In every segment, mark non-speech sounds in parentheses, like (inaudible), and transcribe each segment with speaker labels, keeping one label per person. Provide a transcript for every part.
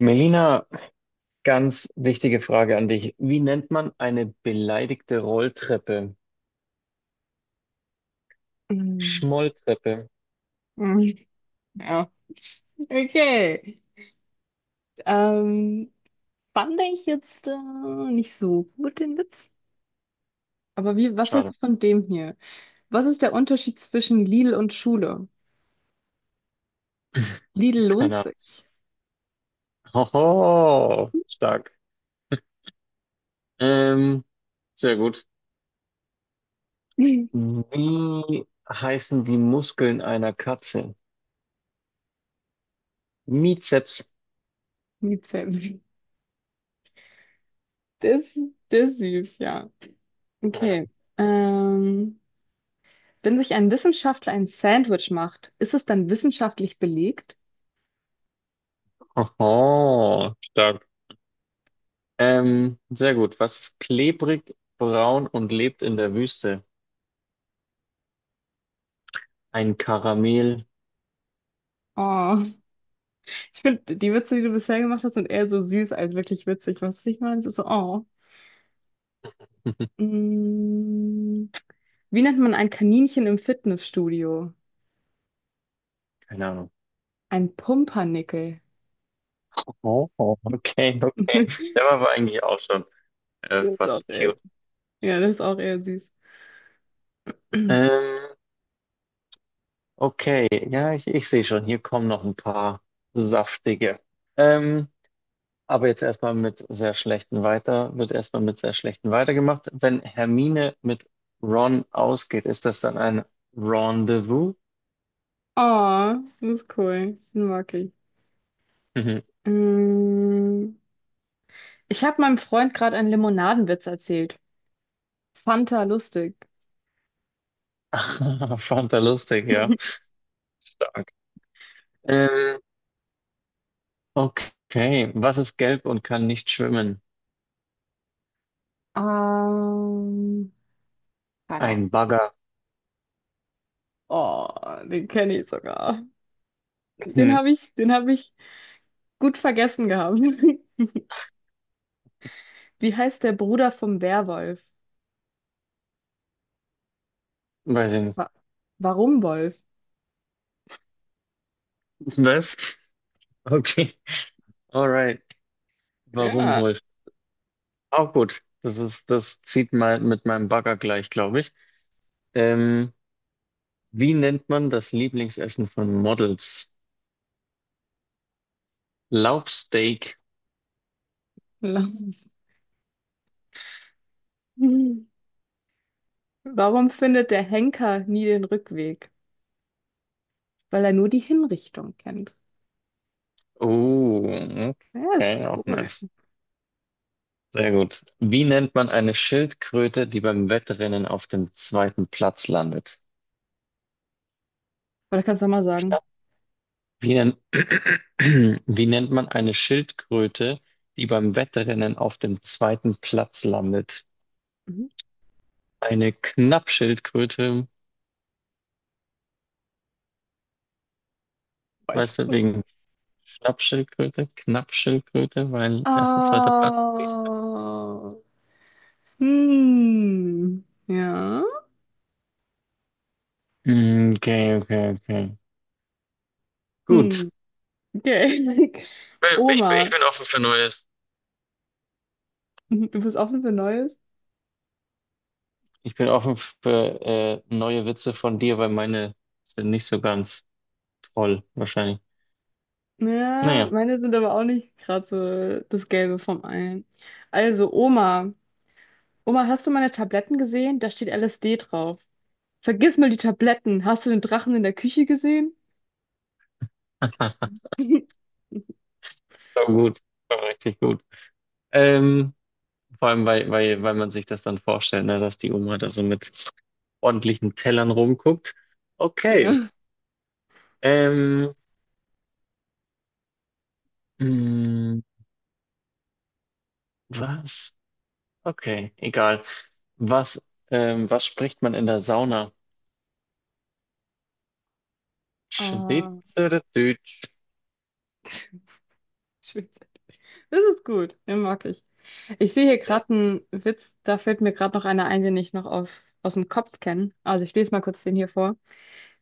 Speaker 1: Melina, ganz wichtige Frage an dich. Wie nennt man eine beleidigte Rolltreppe?
Speaker 2: Mhm.
Speaker 1: Schmolltreppe.
Speaker 2: Mhm. Ja, okay. Ähm, fand ich jetzt nicht so gut den Witz. Aber was
Speaker 1: Schade.
Speaker 2: hältst du von dem hier? Was ist der Unterschied zwischen Lidl und Schule?
Speaker 1: (laughs)
Speaker 2: Lidl lohnt
Speaker 1: Keine Ahnung.
Speaker 2: sich.
Speaker 1: Hoho, stark. Ähm, sehr gut.
Speaker 2: (laughs)
Speaker 1: Wie heißen die Muskeln einer Katze? Mizeps.
Speaker 2: Nicht selbst. Das, das ist süß, ja. Okay.
Speaker 1: (laughs)
Speaker 2: Ähm, Wenn sich ein Wissenschaftler ein Sandwich macht, ist es dann wissenschaftlich belegt?
Speaker 1: Hoho, stark. Sehr gut. Was ist klebrig, braun und lebt in der Wüste? Ein Karamell.
Speaker 2: Oh, ich finde, die Witze, die du bisher gemacht hast, sind eher so süß als wirklich witzig. Was ich meine, es ist so, oh.
Speaker 1: (laughs)
Speaker 2: Mm, Wie nennt man ein Kaninchen im Fitnessstudio?
Speaker 1: Keine Ahnung.
Speaker 2: Ein Pumpernickel.
Speaker 1: Oh, oh, okay, okay.
Speaker 2: (laughs)
Speaker 1: Der war aber eigentlich auch schon
Speaker 2: Das ist auch
Speaker 1: fast
Speaker 2: eher,
Speaker 1: cute.
Speaker 2: ja, das ist auch eher süß. (clears throat)
Speaker 1: Ähm, okay, ja, ich sehe schon, hier kommen noch ein paar saftige. Ähm, aber jetzt erstmal mit sehr schlechten weiter, wird erstmal mit sehr schlechten weitergemacht. Wenn Hermine mit Ron ausgeht, ist das dann ein Rendezvous?
Speaker 2: Oh, das ist cool. Den mag ich.
Speaker 1: Mhm.
Speaker 2: Mm, Ich habe meinem Freund gerade einen Limonadenwitz erzählt. Fanta lustig.
Speaker 1: (laughs) Fand er lustig, ja.
Speaker 2: (laughs)
Speaker 1: Stark. Ähm, okay, was ist gelb und kann nicht schwimmen?
Speaker 2: Ähm, keine Ahnung.
Speaker 1: Ein Bagger.
Speaker 2: Oh, den kenne ich sogar.
Speaker 1: Hm,
Speaker 2: Den habe ich gut vergessen gehabt. (laughs) Wie heißt der Bruder vom Werwolf?
Speaker 1: weiß ich nicht.
Speaker 2: Wa warum Wolf?
Speaker 1: Was? Okay, alright. Warum
Speaker 2: Ja,
Speaker 1: Wolf? Auch gut. Das zieht mal mit meinem Bagger gleich, glaube ich. Ähm, wie nennt man das Lieblingsessen von Models? Laufsteak.
Speaker 2: (laughs) lass uns. Hm. Warum findet der Henker nie den Rückweg? Weil er nur die Hinrichtung kennt.
Speaker 1: Oh,
Speaker 2: Ja, ist
Speaker 1: okay, auch
Speaker 2: cool.
Speaker 1: nice. Sehr gut. Wie nennt man eine Schildkröte, die beim Wettrennen auf dem zweiten Platz landet?
Speaker 2: Oder kannst du auch mal sagen?
Speaker 1: Knapp. Wie nennt, (clears throat) wie nennt man eine Schildkröte, die beim Wettrennen auf dem zweiten Platz landet?
Speaker 2: Mhm.
Speaker 1: Eine Knappschildkröte.
Speaker 2: Weich.
Speaker 1: Weißt du, wegen Stabschildkröte, Knappschildkröte, weil erster, zweiter Platz. Nächster.
Speaker 2: Oh. Hm. Ja.
Speaker 1: Okay, okay, okay.
Speaker 2: Hm.
Speaker 1: Gut.
Speaker 2: Okay. (laughs)
Speaker 1: Ich
Speaker 2: Oma.
Speaker 1: bin offen für Neues.
Speaker 2: Mhm. Du bist offen für Neues?
Speaker 1: Ich bin offen für neue Witze von dir, weil meine sind nicht so ganz toll, wahrscheinlich.
Speaker 2: Ja,
Speaker 1: Naja.
Speaker 2: meine sind aber auch nicht gerade so das Gelbe vom Ei. Also, Oma. Oma, hast du meine Tabletten gesehen? Da steht LSD drauf. Vergiss mal die Tabletten. Hast du den Drachen in der Küche gesehen?
Speaker 1: (laughs) War
Speaker 2: (laughs)
Speaker 1: gut, war richtig gut. Ähm, vor allem, weil man sich das dann vorstellt, ne, dass die Oma da so mit ordentlichen Tellern rumguckt. Okay.
Speaker 2: Ja.
Speaker 1: Ähm, mh, was? Okay, egal. Was, was spricht man in der Sauna?
Speaker 2: Ah,
Speaker 1: Schweizerdeutsch.
Speaker 2: (laughs) schön. Das ist gut. Den mag ich. Ich sehe hier gerade einen Witz, da fällt mir gerade noch einer ein, den ich noch auf, aus dem Kopf kenne. Also ich lese mal kurz den hier vor.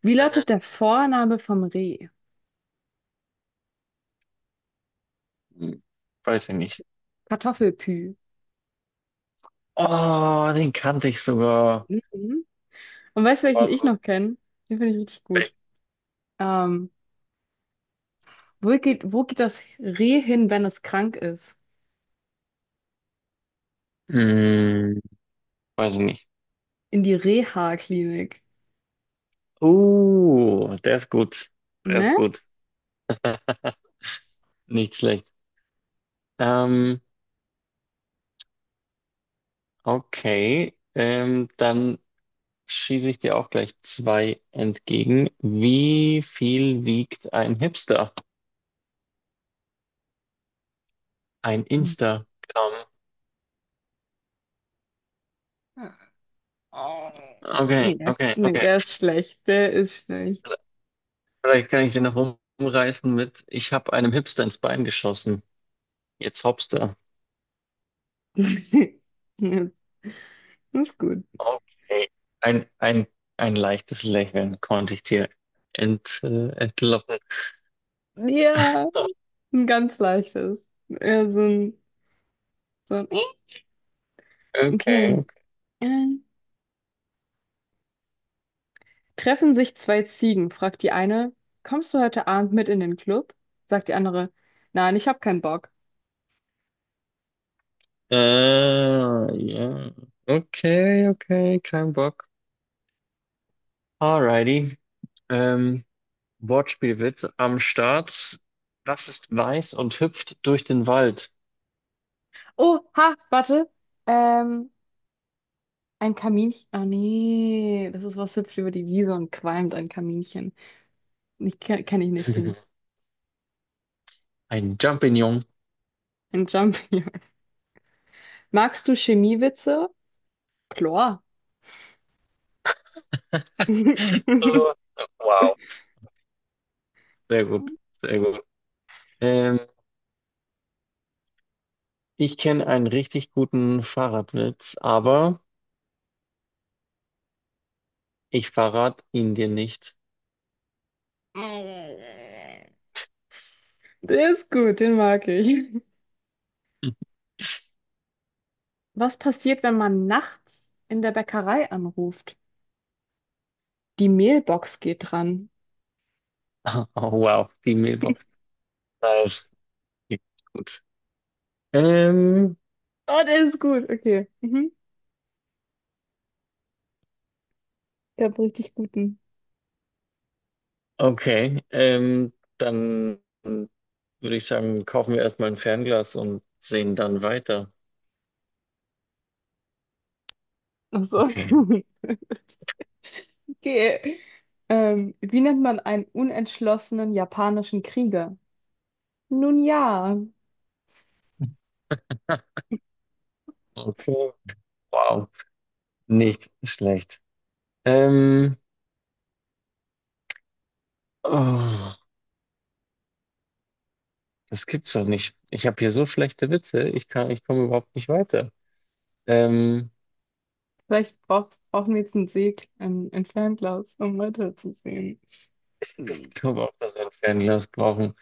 Speaker 2: Wie lautet der Vorname vom Reh?
Speaker 1: Mhm. Weiß ich nicht.
Speaker 2: Kartoffelpü.
Speaker 1: Oh, den kannte ich sogar.
Speaker 2: Mhm. Und weißt du, welchen
Speaker 1: Aber
Speaker 2: ich
Speaker 1: gut,
Speaker 2: noch kenne? Den finde ich richtig
Speaker 1: weg.
Speaker 2: gut. Ähm, wo geht das Reh hin, wenn es krank ist?
Speaker 1: Hm, weiß ich nicht.
Speaker 2: In die Reha-Klinik.
Speaker 1: Der ist gut. Der ist
Speaker 2: Ne?
Speaker 1: gut. (laughs) Nicht schlecht. Ähm, okay, dann schieße ich dir auch gleich zwei entgegen. Wie viel wiegt ein Hipster? Ein
Speaker 2: Mhm.
Speaker 1: Instagram.
Speaker 2: Oh.
Speaker 1: Okay, okay,
Speaker 2: Nee,
Speaker 1: okay.
Speaker 2: der ist schlecht. Der ist schlecht.
Speaker 1: Vielleicht kann ich den noch umreißen mit, ich habe einem Hipster ins Bein geschossen. Jetzt Hopster.
Speaker 2: (laughs) Ja, das ist gut.
Speaker 1: Okay. Ein, ein, ein leichtes Lächeln konnte ich dir entlocken.
Speaker 2: Ja, ein ganz leichtes. Ja, so ein okay.
Speaker 1: Okay. Okay.
Speaker 2: Äh, treffen sich zwei Ziegen, fragt die eine, kommst du heute Abend mit in den Club? Sagt die andere, nein, ich hab keinen Bock.
Speaker 1: Ja. Okay, okay, kein Bock. Alrighty. Ähm, Wortspielwitz am Start. Was ist weiß und hüpft durch den Wald?
Speaker 2: Oh, ha, warte. Ähm, ein Kaminchen. Ah, nee, das ist was hüpft über die Wiese und qualmt ein Kaminchen. Ich kenne kenn ich nicht den.
Speaker 1: (laughs) Ein Jumping.
Speaker 2: Ein Jumpy. (laughs) Magst du Chemiewitze? Chlor. (laughs)
Speaker 1: (laughs) Nur- wow, sehr gut, sehr gut. Ähm, ich kenne einen richtig guten Fahrradwitz, aber ich verrate ihn dir nicht.
Speaker 2: Der ist gut, den mag ich.
Speaker 1: (laughs)
Speaker 2: Was passiert, wenn man nachts in der Bäckerei anruft? Die Mehlbox geht dran.
Speaker 1: Oh, wow, die Mailbox. Nice. Gut. Ähm,
Speaker 2: Oh, der ist gut, okay. Mhm. Der hat richtig guten.
Speaker 1: okay, dann würde ich sagen, kaufen wir erstmal ein Fernglas und sehen dann weiter.
Speaker 2: Ach so.
Speaker 1: Okay.
Speaker 2: (laughs) Okay. Wie nennt man einen unentschlossenen japanischen Krieger? Nun ja,
Speaker 1: (laughs) Okay. Wow, nicht schlecht. Ähm, oh. Das gibt's doch nicht. Ich habe hier so schlechte Witze, ich kann, ich komme überhaupt nicht weiter. Ähm,
Speaker 2: vielleicht brauchen wir jetzt einen ein Fernglas, um weiterzusehen.
Speaker 1: ich
Speaker 2: (laughs)
Speaker 1: glaube auch, dass wir ein Fernglas brauchen.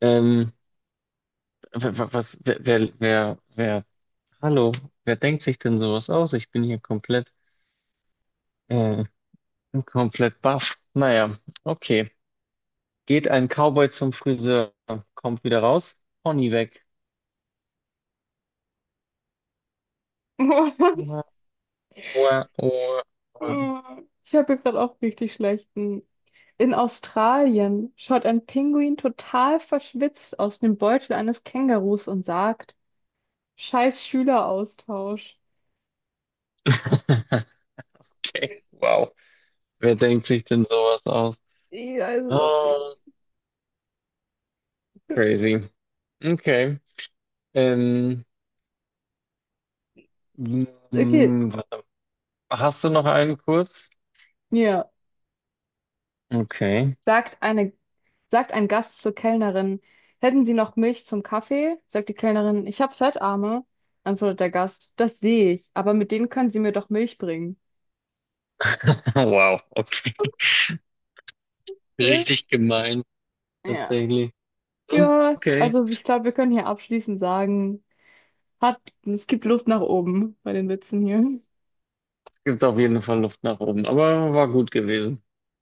Speaker 1: Ähm, wa- wa- was, wer, wer, wer, wer, hallo, wer denkt sich denn sowas aus? Ich bin hier komplett, äh, komplett baff. Naja, okay. Geht ein Cowboy zum Friseur, kommt wieder raus, Pony weg.
Speaker 2: Was?
Speaker 1: Oha, oha, oha, oha.
Speaker 2: Ich habe hier gerade auch richtig schlechten. In Australien schaut ein Pinguin total verschwitzt aus dem Beutel eines Kängurus und sagt, Scheiß Schüleraustausch.
Speaker 1: (laughs) Okay, wow. Wer denkt sich denn sowas aus?
Speaker 2: Ich weiß.
Speaker 1: Oh, crazy. Okay. Ähm,
Speaker 2: Okay,
Speaker 1: mm, warte. Hast du noch einen kurz?
Speaker 2: ja.
Speaker 1: Okay.
Speaker 2: sagt eine, Sagt ein Gast zur Kellnerin, hätten Sie noch Milch zum Kaffee? Sagt die Kellnerin, ich habe Fettarme. Antwortet der Gast, das sehe ich, aber mit denen können Sie mir doch Milch bringen.
Speaker 1: (laughs) Wow, okay.
Speaker 2: Was?
Speaker 1: Richtig gemein,
Speaker 2: Ja.
Speaker 1: tatsächlich.
Speaker 2: Ja,
Speaker 1: Okay.
Speaker 2: also ich glaube, wir können hier abschließend sagen, hat, es gibt Luft nach oben bei den Witzen hier.
Speaker 1: Gibt auf jeden Fall Luft nach oben, aber war gut gewesen.